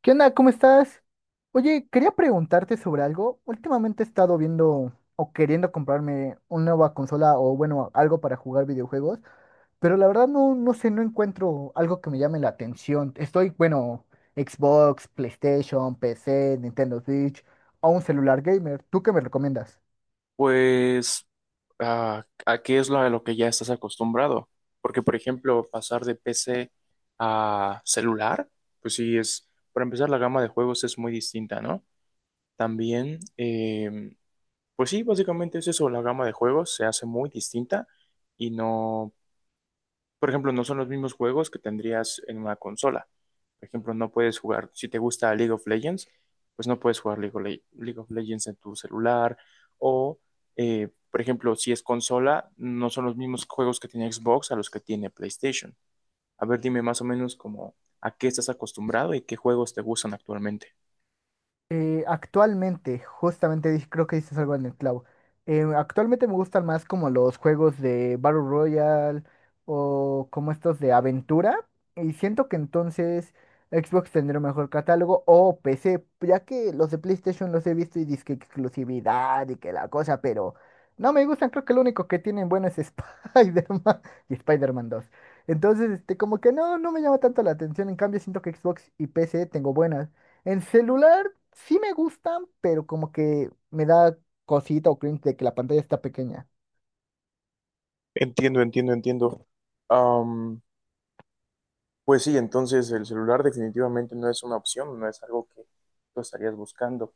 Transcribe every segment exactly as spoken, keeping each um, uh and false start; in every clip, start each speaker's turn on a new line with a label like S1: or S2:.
S1: ¿Qué onda? ¿Cómo estás? Oye, quería preguntarte sobre algo. Últimamente he estado viendo o queriendo comprarme una nueva consola o bueno, algo para jugar videojuegos, pero la verdad no, no sé, no encuentro algo que me llame la atención. Estoy, bueno, Xbox, PlayStation, P C, Nintendo Switch o un celular gamer. ¿Tú qué me recomiendas?
S2: Pues, ah, ¿a qué es lo, a lo que ya estás acostumbrado? Porque, por ejemplo, pasar de P C a celular, pues sí es, para empezar, la gama de juegos es muy distinta, ¿no? También, eh, pues sí, básicamente es eso, la gama de juegos se hace muy distinta y no por ejemplo, no son los mismos juegos que tendrías en una consola. Por ejemplo, no puedes jugar, si te gusta League of Legends, pues no puedes jugar League of, Le- League of Legends en tu celular. O, eh, por ejemplo, si es consola, no son los mismos juegos que tiene Xbox a los que tiene PlayStation. A ver, dime más o menos como a qué estás acostumbrado y qué juegos te gustan actualmente.
S1: Eh, actualmente, justamente dis- creo que dices algo en el clavo. Eh, actualmente me gustan más como los juegos de Battle Royale o como estos de aventura. Y siento que entonces Xbox tendrá un mejor catálogo o P C, ya que los de PlayStation los he visto y dizque exclusividad y que la cosa, pero no me gustan. Creo que lo único que tienen bueno es Spider-Man y Spider-Man dos. Entonces, este, como que no, no me llama tanto la atención. En cambio, siento que Xbox y P C tengo buenas. En celular. Sí me gustan, pero como que me da cosita o cringe de que la pantalla está pequeña.
S2: Entiendo, entiendo, entiendo. Pues sí, entonces el celular definitivamente no es una opción, no es algo que tú estarías buscando.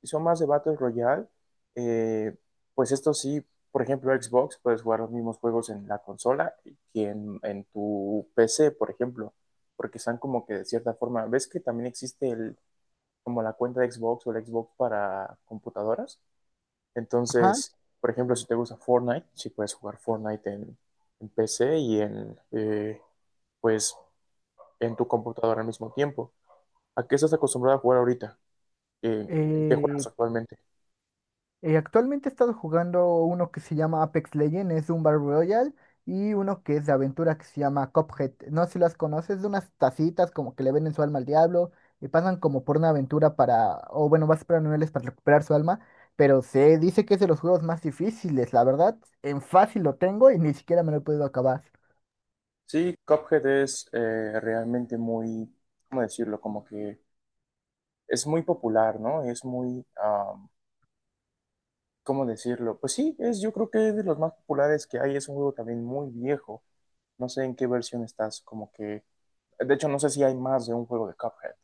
S2: Si son más de Battle Royale, eh, pues esto sí, por ejemplo, Xbox, puedes jugar los mismos juegos en la consola que en, en tu P C, por ejemplo, porque están como que de cierta forma. ¿Ves que también existe el, como la cuenta de Xbox o el Xbox para computadoras?
S1: Ajá.
S2: Entonces, por ejemplo, si te gusta Fortnite, sí puedes jugar Fortnite en, en P C y en, eh, pues en tu computadora al mismo tiempo. ¿A qué estás acostumbrado a jugar ahorita? Eh, ¿En qué
S1: Eh,
S2: juegas actualmente?
S1: eh, Actualmente he estado jugando uno que se llama Apex Legends, es un Battle Royale, y uno que es de aventura que se llama Cuphead. No sé si las conoces, de unas tacitas como que le venden su alma al diablo y pasan como por una aventura para, o bueno, vas a esperar niveles para recuperar su alma, pero se dice que es de los juegos más difíciles, la verdad, en fácil lo tengo y ni siquiera me lo he podido acabar.
S2: Sí, Cuphead es eh, realmente muy, ¿cómo decirlo? Como que es muy popular, ¿no? Es muy, am, ¿cómo decirlo? Pues sí, es, yo creo que es de los más populares que hay. Es un juego también muy viejo. No sé en qué versión estás, como que... De hecho, no sé si hay más de un juego de Cuphead.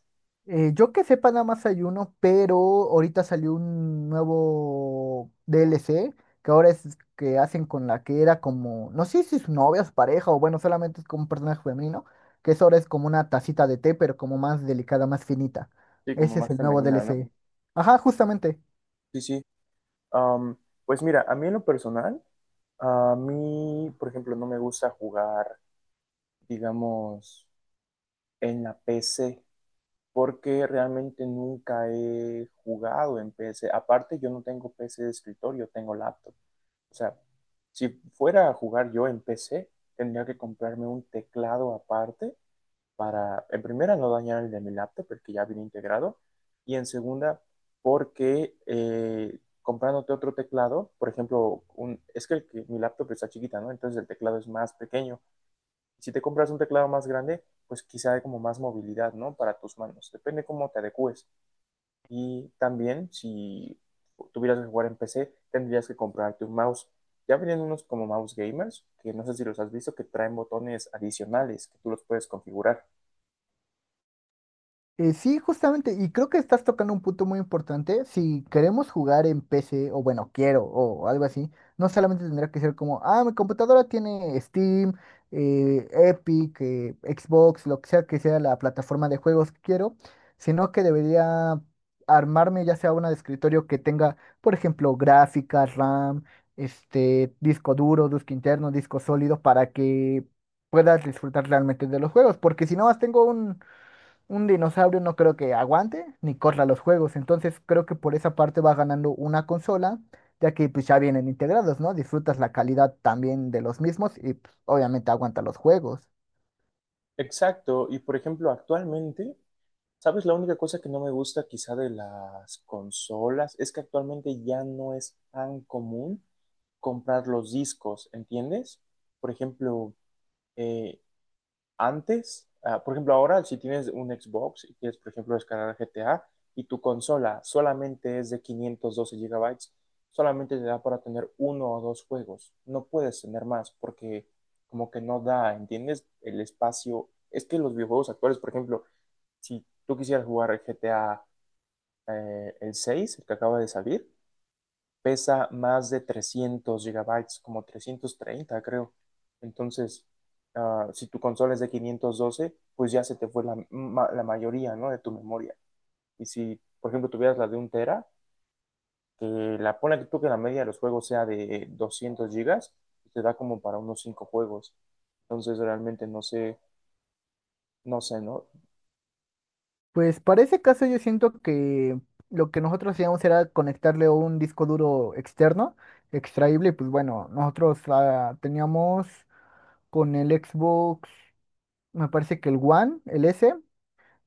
S1: Eh, yo que sepa nada más hay uno, pero ahorita salió un nuevo D L C que ahora es que hacen con la que era como, no sé si es su novia, su pareja o bueno, solamente es como un personaje femenino, que eso ahora es como una tacita de té, pero como más delicada, más finita.
S2: Sí, como
S1: Ese es
S2: más
S1: el nuevo
S2: femenina, ¿no?
S1: D L C. Ajá, justamente.
S2: Sí, sí. Am, pues mira, a mí en lo personal, a mí, por ejemplo, no me gusta jugar, digamos, en la P C, porque realmente nunca he jugado en P C. Aparte, yo no tengo P C de escritorio, tengo laptop. O sea, si fuera a jugar yo en P C, tendría que comprarme un teclado aparte para, en primera, no dañar el de mi laptop, porque ya viene integrado, y en segunda, porque eh, comprándote otro teclado, por ejemplo, un, es que, el que mi laptop está chiquita, ¿no? Entonces el teclado es más pequeño. Si te compras un teclado más grande, pues quizá hay como más movilidad, ¿no? Para tus manos. Depende cómo te adecues. Y también, si tuvieras que jugar en P C, tendrías que comprarte un mouse. Ya vienen unos como mouse gamers, que no sé si los has visto, que traen botones adicionales que tú los puedes configurar.
S1: Eh, sí, justamente, y creo que estás tocando un punto muy importante. Si queremos jugar en P C, o bueno, quiero, o algo así, no solamente tendría que ser como, ah, mi computadora tiene Steam, eh, Epic, eh, Xbox, lo que sea que sea la plataforma de juegos que quiero, sino que debería armarme ya sea una de escritorio que tenga, por ejemplo, gráficas, RAM, este, disco duro, disco interno, disco sólido, para que puedas disfrutar realmente de los juegos, porque si no más tengo un un dinosaurio no creo que aguante ni corra los juegos, entonces creo que por esa parte va ganando una consola, ya que pues ya vienen integrados, ¿no? Disfrutas la calidad también de los mismos y pues, obviamente aguanta los juegos.
S2: Exacto, y por ejemplo, actualmente, ¿sabes? La única cosa que no me gusta quizá de las consolas es que actualmente ya no es tan común comprar los discos, ¿entiendes? Por ejemplo, eh, antes, ah, por ejemplo, ahora si tienes un Xbox y quieres, por ejemplo, descargar G T A y tu consola solamente es de quinientos doce gigabytes, solamente te da para tener uno o dos juegos. No puedes tener más porque como que no da, ¿entiendes? El espacio. Es que los videojuegos actuales, por ejemplo, si tú quisieras jugar G T A, eh, el seis, el que acaba de salir, pesa más de trescientos gigabytes, como trescientos treinta creo. Entonces, ah, si tu consola es de quinientos doce, pues ya se te fue la, ma- la mayoría, ¿no? De tu memoria. Y si, por ejemplo, tuvieras la de un tera, que la pone que tú que la media de los juegos sea de doscientos gigas, pues te da como para unos cinco juegos. Entonces, realmente no sé, no sé, ¿no?
S1: Pues para ese caso yo siento que lo que nosotros hacíamos era conectarle un disco duro externo, extraíble, y pues bueno, nosotros ah, teníamos con el Xbox, me parece que el One, el S.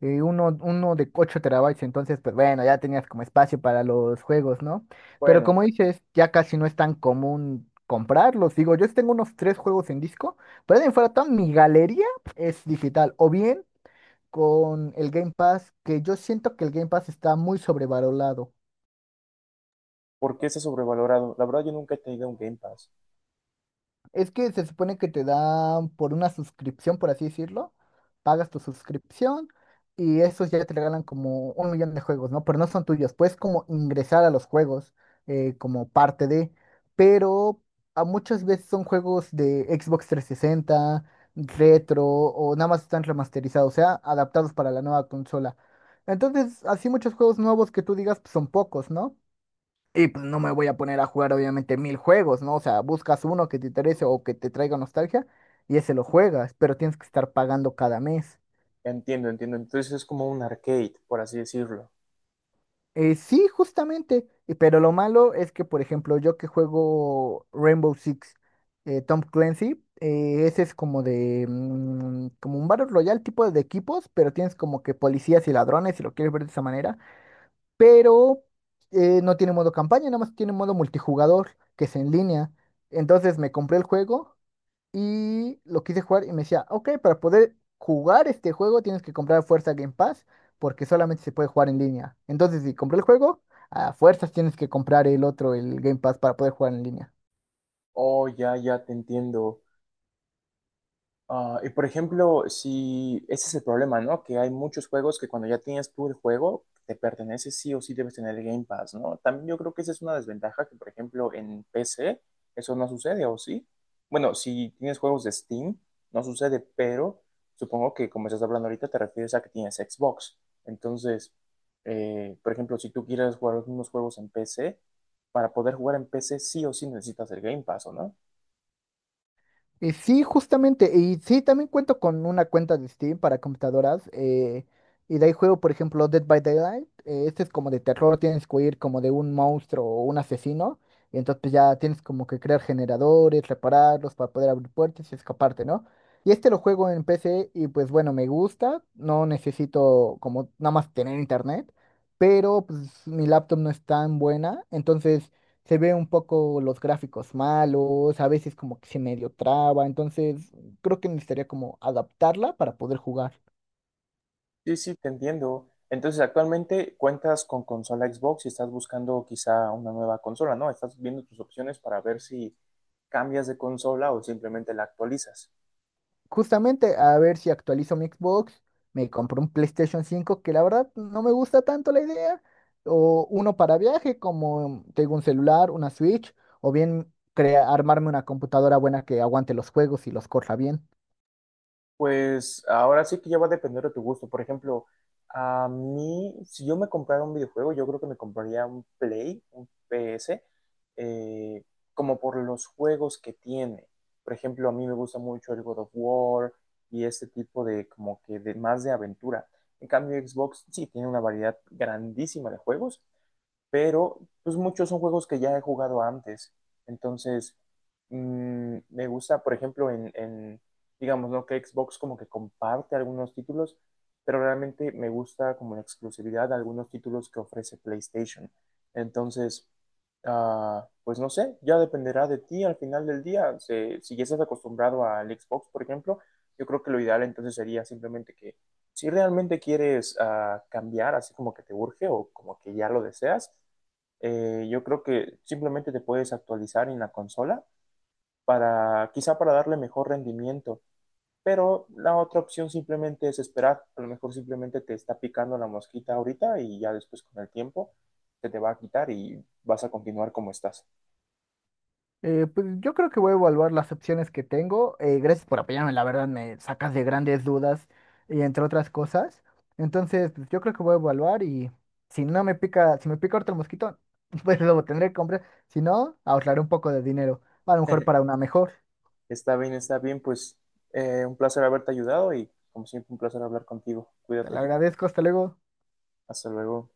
S1: eh, uno, uno de ocho terabytes, entonces, pues bueno, ya tenías como espacio para los juegos, ¿no? Pero
S2: Bueno,
S1: como dices, ya casi no es tan común comprarlos. Digo, yo tengo unos tres juegos en disco, pero de ahí en fuera toda mi galería es digital, o bien con el Game Pass, que yo siento que el Game Pass está muy sobrevalorado.
S2: ¿por qué está sobrevalorado? La verdad, yo nunca he tenido un Game Pass.
S1: Es que se supone que te dan por una suscripción, por así decirlo. Pagas tu suscripción y esos ya te regalan como un millón de juegos, ¿no? Pero no son tuyos. Puedes como ingresar a los juegos eh, como parte de. Pero a muchas veces son juegos de Xbox trescientos sesenta retro o nada más están remasterizados, o sea, adaptados para la nueva consola. Entonces, así muchos juegos nuevos que tú digas pues, son pocos, ¿no? Y pues no me voy a poner a jugar obviamente mil juegos, ¿no? O sea, buscas uno que te interese o que te traiga nostalgia y ese lo juegas, pero tienes que estar pagando cada mes.
S2: Entiendo, entiendo. Entonces es como un arcade, por así decirlo.
S1: Eh, sí, justamente, y- pero lo malo es que, por ejemplo, yo que juego Rainbow Six, eh, Tom Clancy, eh, ese es como de, mm, como un Battle Royale tipo de equipos, pero tienes como que policías y ladrones, si lo quieres ver de esa manera, pero eh, no tiene modo campaña, nada más tiene modo multijugador, que es en línea. Entonces me compré el juego. Y lo quise jugar y me decía, ok, para poder jugar este juego tienes que comprar a fuerza Game Pass porque solamente se puede jugar en línea. Entonces, si compré el juego, a fuerzas tienes que comprar el otro, el Game Pass, para poder jugar en línea.
S2: Oh, ya, ya te entiendo. Ah, y por ejemplo, si ese es el problema, ¿no? Que hay muchos juegos que cuando ya tienes tú el juego, te pertenece, sí o sí debes tener el Game Pass, ¿no? También yo creo que esa es una desventaja que, por ejemplo, en P C eso no sucede, ¿o sí? Bueno, si tienes juegos de Steam, no sucede, pero supongo que como estás hablando ahorita te refieres a que tienes Xbox. Entonces, eh, por ejemplo, si tú quieres jugar unos juegos en P C, para poder jugar en P C sí o sí necesitas el Game Pass, ¿o no?
S1: Y sí, justamente, y sí, también cuento con una cuenta de Steam para computadoras, eh, y de ahí juego, por ejemplo, Dead by Daylight, eh, este es como de terror, tienes que huir como de un monstruo o un asesino, y entonces pues, ya tienes como que crear generadores, repararlos para poder abrir puertas y escaparte, ¿no? Y este lo juego en P C y pues bueno, me gusta, no necesito como nada más tener internet, pero pues mi laptop no es tan buena, entonces se ve un poco los gráficos malos, a veces como que se medio traba, entonces creo que necesitaría como adaptarla para poder jugar.
S2: Sí, sí, te entiendo. Entonces, actualmente cuentas con consola Xbox y estás buscando quizá una nueva consola, ¿no? Estás viendo tus opciones para ver si cambias de consola o simplemente la actualizas.
S1: Justamente a ver si actualizo mi Xbox, me compro un PlayStation cinco que la verdad no me gusta tanto la idea, o uno para viaje como tengo un celular, una Switch, o bien crea- armarme una computadora buena que aguante los juegos y los corra bien.
S2: Pues ahora sí que ya va a depender de tu gusto. Por ejemplo, a mí, si yo me comprara un videojuego, yo creo que me compraría un Play, un P S, eh, como por los juegos que tiene. Por ejemplo, a mí me gusta mucho el God of War y este tipo de como que de más de aventura. En cambio, Xbox sí tiene una variedad grandísima de juegos, pero pues muchos son juegos que ya he jugado antes. Entonces, mm, me gusta, por ejemplo, en, en, digamos, ¿no? Que Xbox como que comparte algunos títulos, pero realmente me gusta como en exclusividad algunos títulos que ofrece PlayStation. Entonces, ah, pues no sé, ya dependerá de ti al final del día. Se- si ya estás acostumbrado al Xbox, por ejemplo, yo creo que lo ideal entonces sería simplemente que si realmente quieres, ah, cambiar, así como que te urge o como que ya lo deseas, eh, yo creo que simplemente te puedes actualizar en la consola para quizá para darle mejor rendimiento, pero la otra opción simplemente es esperar, a lo mejor simplemente te está picando la mosquita ahorita y ya después con el tiempo se te va a quitar y vas a continuar como estás.
S1: Eh, pues yo creo que voy a evaluar las opciones que tengo. Eh, gracias por apoyarme, la verdad me sacas de grandes dudas y entre otras cosas. Entonces, pues, yo creo que voy a evaluar y si no me pica, si me pica otro mosquito, pues lo tendré que comprar. Si no, ahorraré un poco de dinero, a lo mejor para una mejor.
S2: Está bien, está bien, pues eh, un placer haberte ayudado y como siempre un placer hablar contigo.
S1: Te lo
S2: Cuídate,
S1: agradezco, hasta luego.
S2: hasta luego.